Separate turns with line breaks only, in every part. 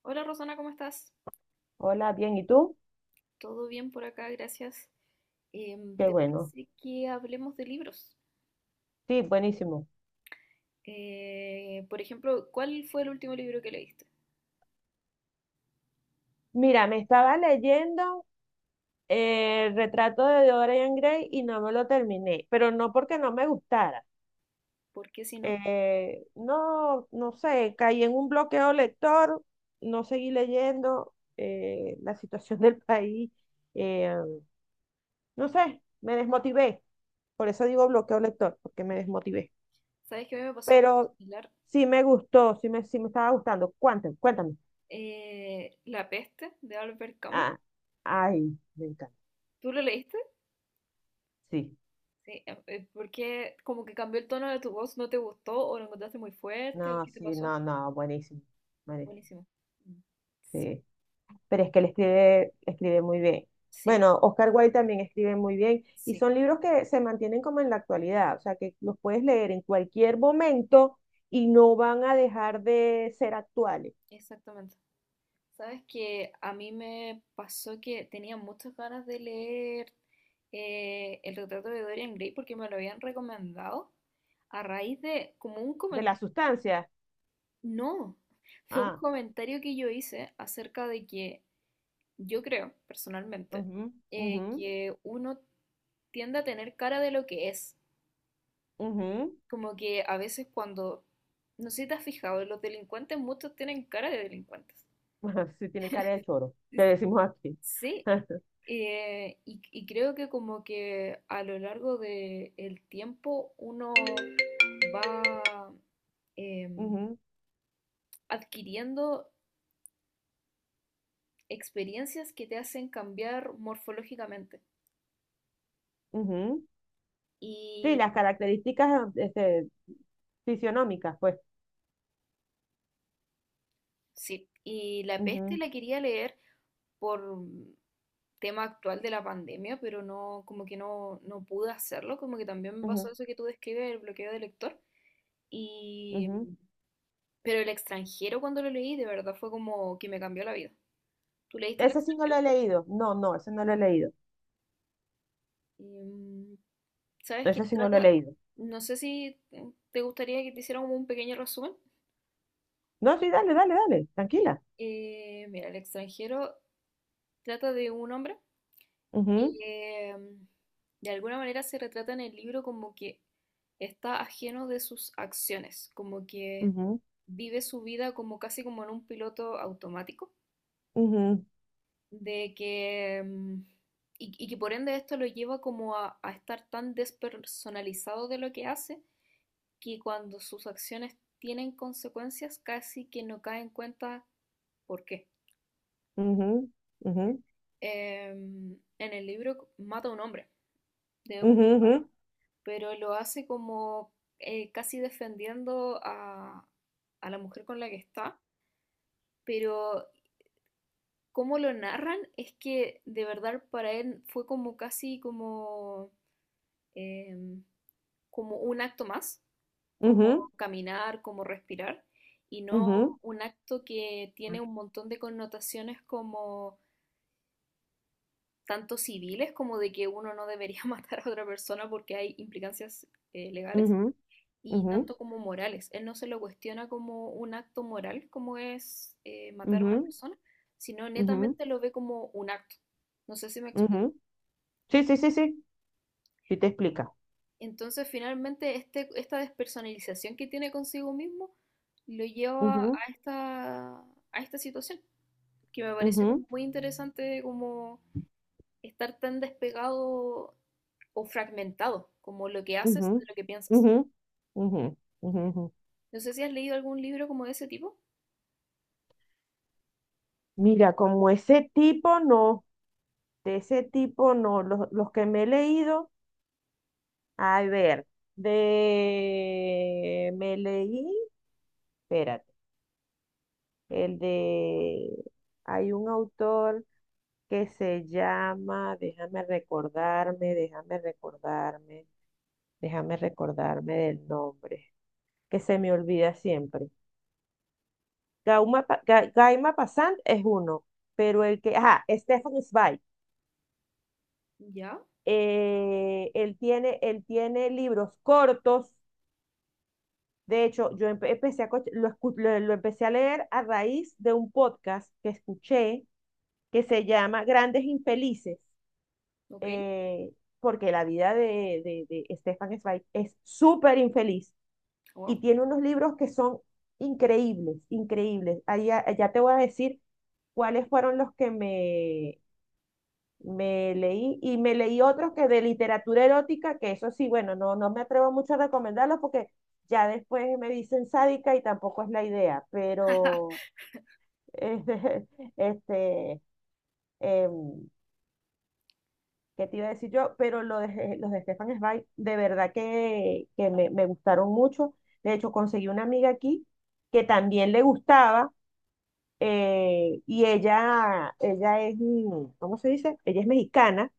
Hola Rosana, ¿cómo estás?
Hola, bien, ¿y tú?
¿Todo bien por acá? Gracias.
Qué
¿Te
bueno.
parece que hablemos de libros?
Sí, buenísimo.
Por ejemplo, ¿cuál fue el último libro que leíste?
Mira, me estaba leyendo el retrato de Dorian Gray y no me lo terminé, pero no porque no me gustara.
Porque si no,
No, no sé, caí en un bloqueo lector, no seguí leyendo la situación del país, eh, no sé, me desmotivé. Por eso digo bloqueo lector, porque me desmotivé.
¿Sabes que a mí me pasó algo
Pero
similar?
sí me gustó, sí me estaba gustando. Cuéntame, cuéntame.
La peste de Albert Camus.
Ah, ay, me encanta.
¿Tú lo leíste?
Sí,
Sí. Porque como que cambió el tono de tu voz, ¿no te gustó o lo encontraste muy fuerte?
no,
¿Qué te
sí,
pasó?
no, no, buenísimo, buenísimo,
Buenísimo. Mm. Sí,
sí. Pero es que él escribe, escribe muy bien.
sí,
Bueno, Oscar Wilde también escribe muy bien y
sí,
son libros que se mantienen como en la actualidad, o sea, que los puedes leer en cualquier momento y no van a dejar de ser actuales.
exactamente. Sabes que a mí me pasó que tenía muchas ganas de leer El retrato de Dorian Gray porque me lo habían recomendado a raíz de como un
De
comentario.
la sustancia.
No, de un
Ah,
comentario que yo hice acerca de que yo creo personalmente
mhm, mhm,
que uno tiende a tener cara de lo que es.
mhm.
Como que a veces cuando, no sé si te has fijado, los delincuentes muchos tienen cara de delincuentes.
Sí, tienen cara de choro, que decimos aquí.
Sí, y, creo que como que a lo largo del tiempo uno va em,
Ujú,
adquiriendo experiencias que te hacen cambiar morfológicamente.
ujú. Sí,
Y
las características este, fisionómicas, pues.
sí, y La peste
Ujú,
la quería leer por tema actual de la pandemia, pero no, como que no pude hacerlo, como que también me pasó
ujú,
eso que tú describes, el bloqueo de lector. Y
ujú.
Pero el extranjero cuando lo leí, de verdad fue como que me cambió la vida. ¿Tú leíste el
Ese sí no lo
extranjero?
he leído. No, no, ese no lo he leído.
Em, ¿Sabes qué
Ese sí no lo he
trata?
leído.
No sé si te gustaría que te hiciera como un pequeño resumen.
No, sí, dale, dale, dale, tranquila.
Mira, el extranjero trata de un hombre
Ujú,
que de alguna manera se retrata en el libro como que está ajeno de sus acciones, como que
ujú,
vive su vida como casi como en un piloto automático.
ujú,
de que, mm, y, que por ende esto lo lleva como a estar tan despersonalizado de lo que hace, que cuando sus acciones tienen consecuencias casi que no cae en cuenta por qué.
ujú, ujú,
En el libro mata a un hombre de un disparo, pero lo hace como casi defendiendo a la mujer con la que está, pero cómo lo narran es que de verdad para él fue como casi como em, como un acto más,
ujú,
como
ujú,
caminar, como respirar, y no
ujú,
un acto que tiene un montón de connotaciones como tanto civiles como de que uno no debería matar a otra persona porque hay implicancias legales y
ujú,
tanto como morales. Él no se lo cuestiona como un acto moral como es matar a
ujú,
una
ujú,
persona, sino
ujú,
netamente lo ve como un acto. No sé si me explico.
ujú. Sí, sí, sí, sí. Sí te explica.
Entonces, finalmente, esta despersonalización que tiene consigo mismo lo lleva a
Ujú,
esta, a esta situación, que me pareció
ujú,
como muy interesante como estar tan despegado o fragmentado, como lo que haces de
ujú,
lo que piensas.
ujú, ujú, ujú, ujú.
No sé si has leído algún libro como de ese tipo.
Mira, como ese tipo no, de ese tipo no, los que me he leído. A ver, de... Me leí, espérate, el de... Hay un autor que se llama, déjame recordarme del nombre, que se me olvida siempre. Gaima Passant es uno, pero el que, ajá, Stefan Zweig.
Ya,
Él tiene libros cortos. De hecho, yo empe- empecé a, co- lo, escu- lo empecé a leer a raíz de un podcast que escuché que se llama Grandes Infelices,
ok,
eh, porque la vida de Stefan Zweig es súper infeliz
wow,
y tiene unos libros que son increíbles, increíbles. Ahí ya, ya te voy a decir cuáles fueron los que me leí, y me leí otros que de literatura erótica, que eso sí, bueno, no, no me atrevo mucho a recomendarlos porque ya después me dicen sádica y tampoco es la idea, pero este, este em, ¿qué te iba a decir yo? Pero los de Stefan Zweig, de verdad que, me, gustaron mucho. De hecho, conseguí una amiga aquí que también le gustaba, y ella es, ¿cómo se dice? Ella es mexicana.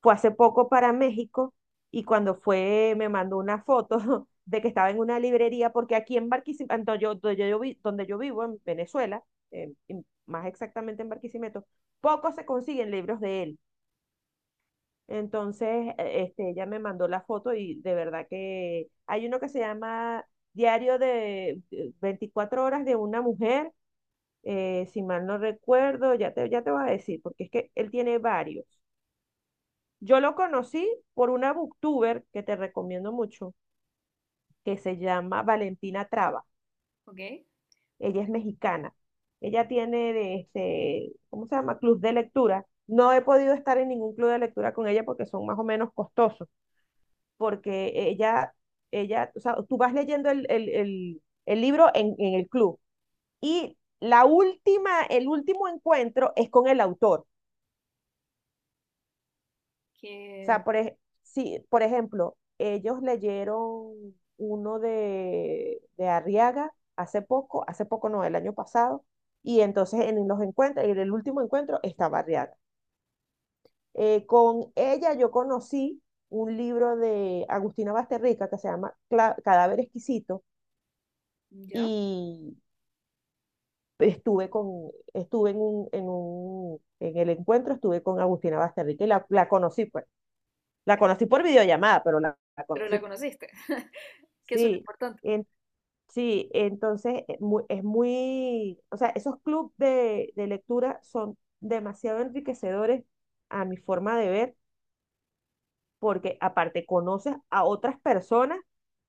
Fue hace poco para México y cuando fue me mandó una foto de que estaba en una librería, porque aquí en Barquisimeto, yo, donde, yo vi- donde yo vivo, en Venezuela, más exactamente en Barquisimeto, pocos se consiguen libros de él. Entonces, este, ella me mandó la foto y de verdad que hay uno que se llama Diario de 24 horas de una mujer, si mal no recuerdo, ya te voy a decir, porque es que él tiene varios. Yo lo conocí por una booktuber que te recomiendo mucho, que se llama Valentina Traba.
ok,
Ella es mexicana. Ella tiene de este, ¿cómo se llama? Club de lectura. No he podido estar en ningún club de lectura con ella porque son más o menos costosos, porque ella, o sea, tú vas leyendo el libro en el club, y la última, el último encuentro es con el autor. O sea,
que
sí, por ejemplo, ellos leyeron uno de Arriaga hace poco no, el año pasado, y entonces en los encuentros, en el último encuentro estaba Arriaga. Con ella yo conocí un libro de Agustina Basterrica que se llama Cadáver Exquisito,
ya,
y estuve en el encuentro, estuve con Agustina Basterrica y la conocí, pues, la conocí por videollamada, pero la
pero la
conocí.
conociste, que eso es lo
Sí,
importante.
en- sí, entonces es muy, o sea, esos clubes de lectura son demasiado enriquecedores a mi forma de ver, porque aparte conoces a otras personas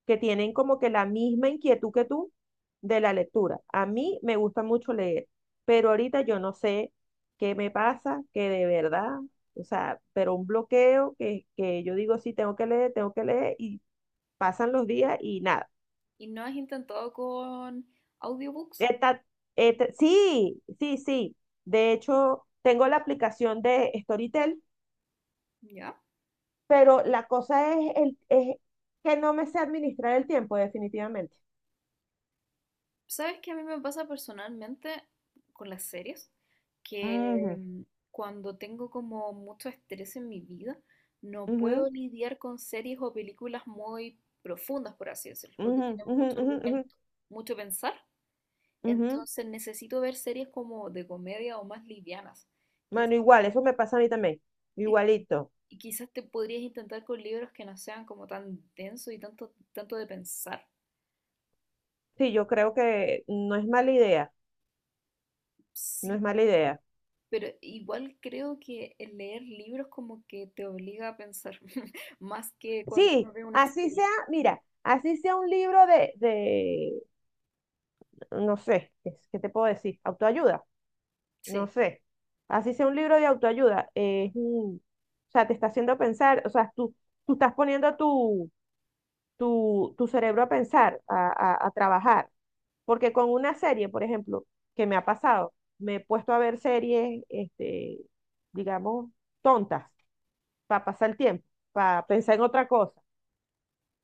que tienen como que la misma inquietud que tú de la lectura. A mí me gusta mucho leer, pero ahorita yo no sé qué me pasa, que de verdad, o sea, pero un bloqueo que yo digo, sí, tengo que leer, y pasan los días y nada.
¿Y no has intentado con audiobooks?
Eta- sí, sí, sí. De hecho, tengo la aplicación de Storytel,
Ya.
pero la cosa es, es que no me sé administrar el tiempo, definitivamente.
¿Sabes qué a mí me pasa personalmente con las series? Que
Ujú,
cuando tengo como mucho estrés en mi vida, no puedo
ujú,
lidiar con series o películas muy profundas, por así decirlo, o que
ujú,
tienen
ujú,
mucho
ujú, ujú,
argumento, mucho pensar.
ujú.
Entonces necesito ver series como de comedia o más livianas.
Bueno,
Quizás,
igual, eso me pasa a mí también.
y,
Igualito.
y quizás te podrías intentar con libros que no sean como tan densos y tanto, tanto de pensar.
Sí, yo creo que no es mala idea. No
Sí.
es mala idea.
Pero igual creo que el leer libros como que te obliga a pensar, más que cuando uno
Sí,
ve una
así
serie.
sea, mira, así sea un libro de, no sé, qué te puedo decir? Autoayuda. No
Sí,
sé, así sea un libro de autoayuda, es, o sea, te está haciendo pensar, o sea, tú estás poniendo tu cerebro a pensar, a trabajar, porque con una serie, por ejemplo, que me ha pasado, me he puesto a ver series, este, digamos, tontas, para pasar el tiempo, para pensar en otra cosa,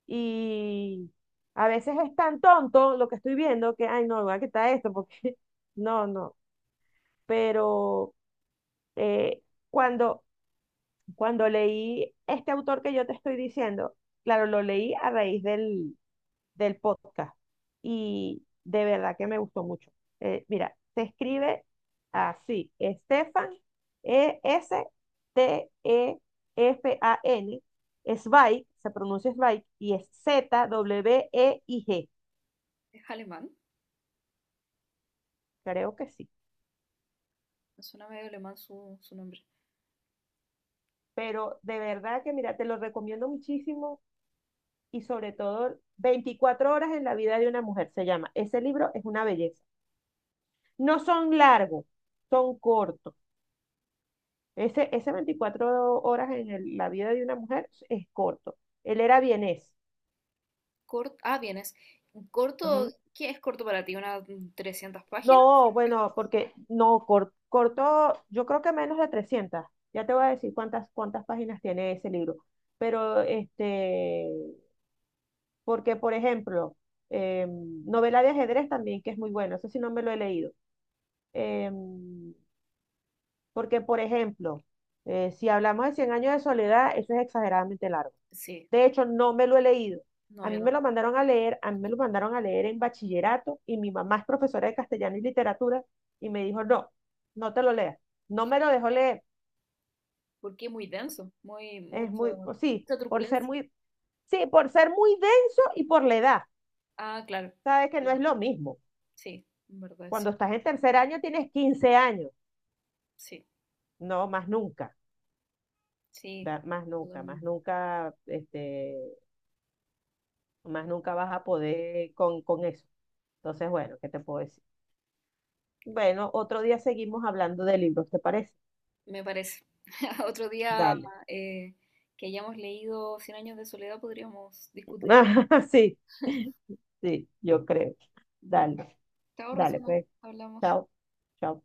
y a veces es tan tonto lo que estoy viendo que, ay, no, voy a quitar esto, porque, no, no, pero, eh, cuando cuando leí este autor que yo te estoy diciendo, claro, lo leí a raíz del podcast, y de verdad que me gustó mucho. Mira, se escribe así: Stefan, Estefan. Zweig, se pronuncia Zweig, y es Zweig,
es alemán,
creo que sí.
me suena medio alemán su nombre.
Pero de verdad que, mira, te lo recomiendo muchísimo, y sobre todo 24 horas en la vida de una mujer se llama. Ese libro es una belleza. No son largos, son cortos. Ese 24 horas en la vida de una mujer es corto. Él era vienés.
Corto, ah, vienes. Corto,
Ujú.
¿qué es corto para ti? ¿Unas 300 páginas?
No, bueno, porque no, corto, yo creo que menos de 300. Ya te voy a decir cuántas páginas tiene ese libro. Pero, este, porque, por ejemplo, novela de ajedrez también, que es muy bueno, eso sí no me lo he leído. Em, porque, por ejemplo, si hablamos de Cien años de soledad, eso es exageradamente largo.
Sí,
De hecho, no me lo he leído.
no,
A
yo
mí me lo
tampoco.
mandaron a leer, a mí me lo mandaron a leer en bachillerato, y mi mamá es profesora de castellano y literatura y me dijo, no, no te lo leas. No me lo dejó leer.
Porque es muy denso, muy,
Es
mucho,
muy, pues sí,
mucha
por ser
turbulencia.
muy, sí, por ser muy denso y por la edad.
Ah, claro,
Sabes que no es
claro,
lo mismo.
sí, en verdad,
Cuando
sí,
estás en tercer año tienes 15 años.
sí,
No, más nunca,
sí,
más nunca, más
totalmente.
nunca, este, más nunca vas a poder con eso. Entonces, bueno, ¿qué te puedo decir? Bueno, otro día seguimos hablando de libros, ¿te parece?
Me parece. Otro día
Dale.
eh, que hayamos leído Cien años de soledad podríamos discutirlo.
Sí, sí, yo creo.
Bueno,
Dale,
te ahorro,
dale,
Suna,
pues.
hablamos.
Chao, chao.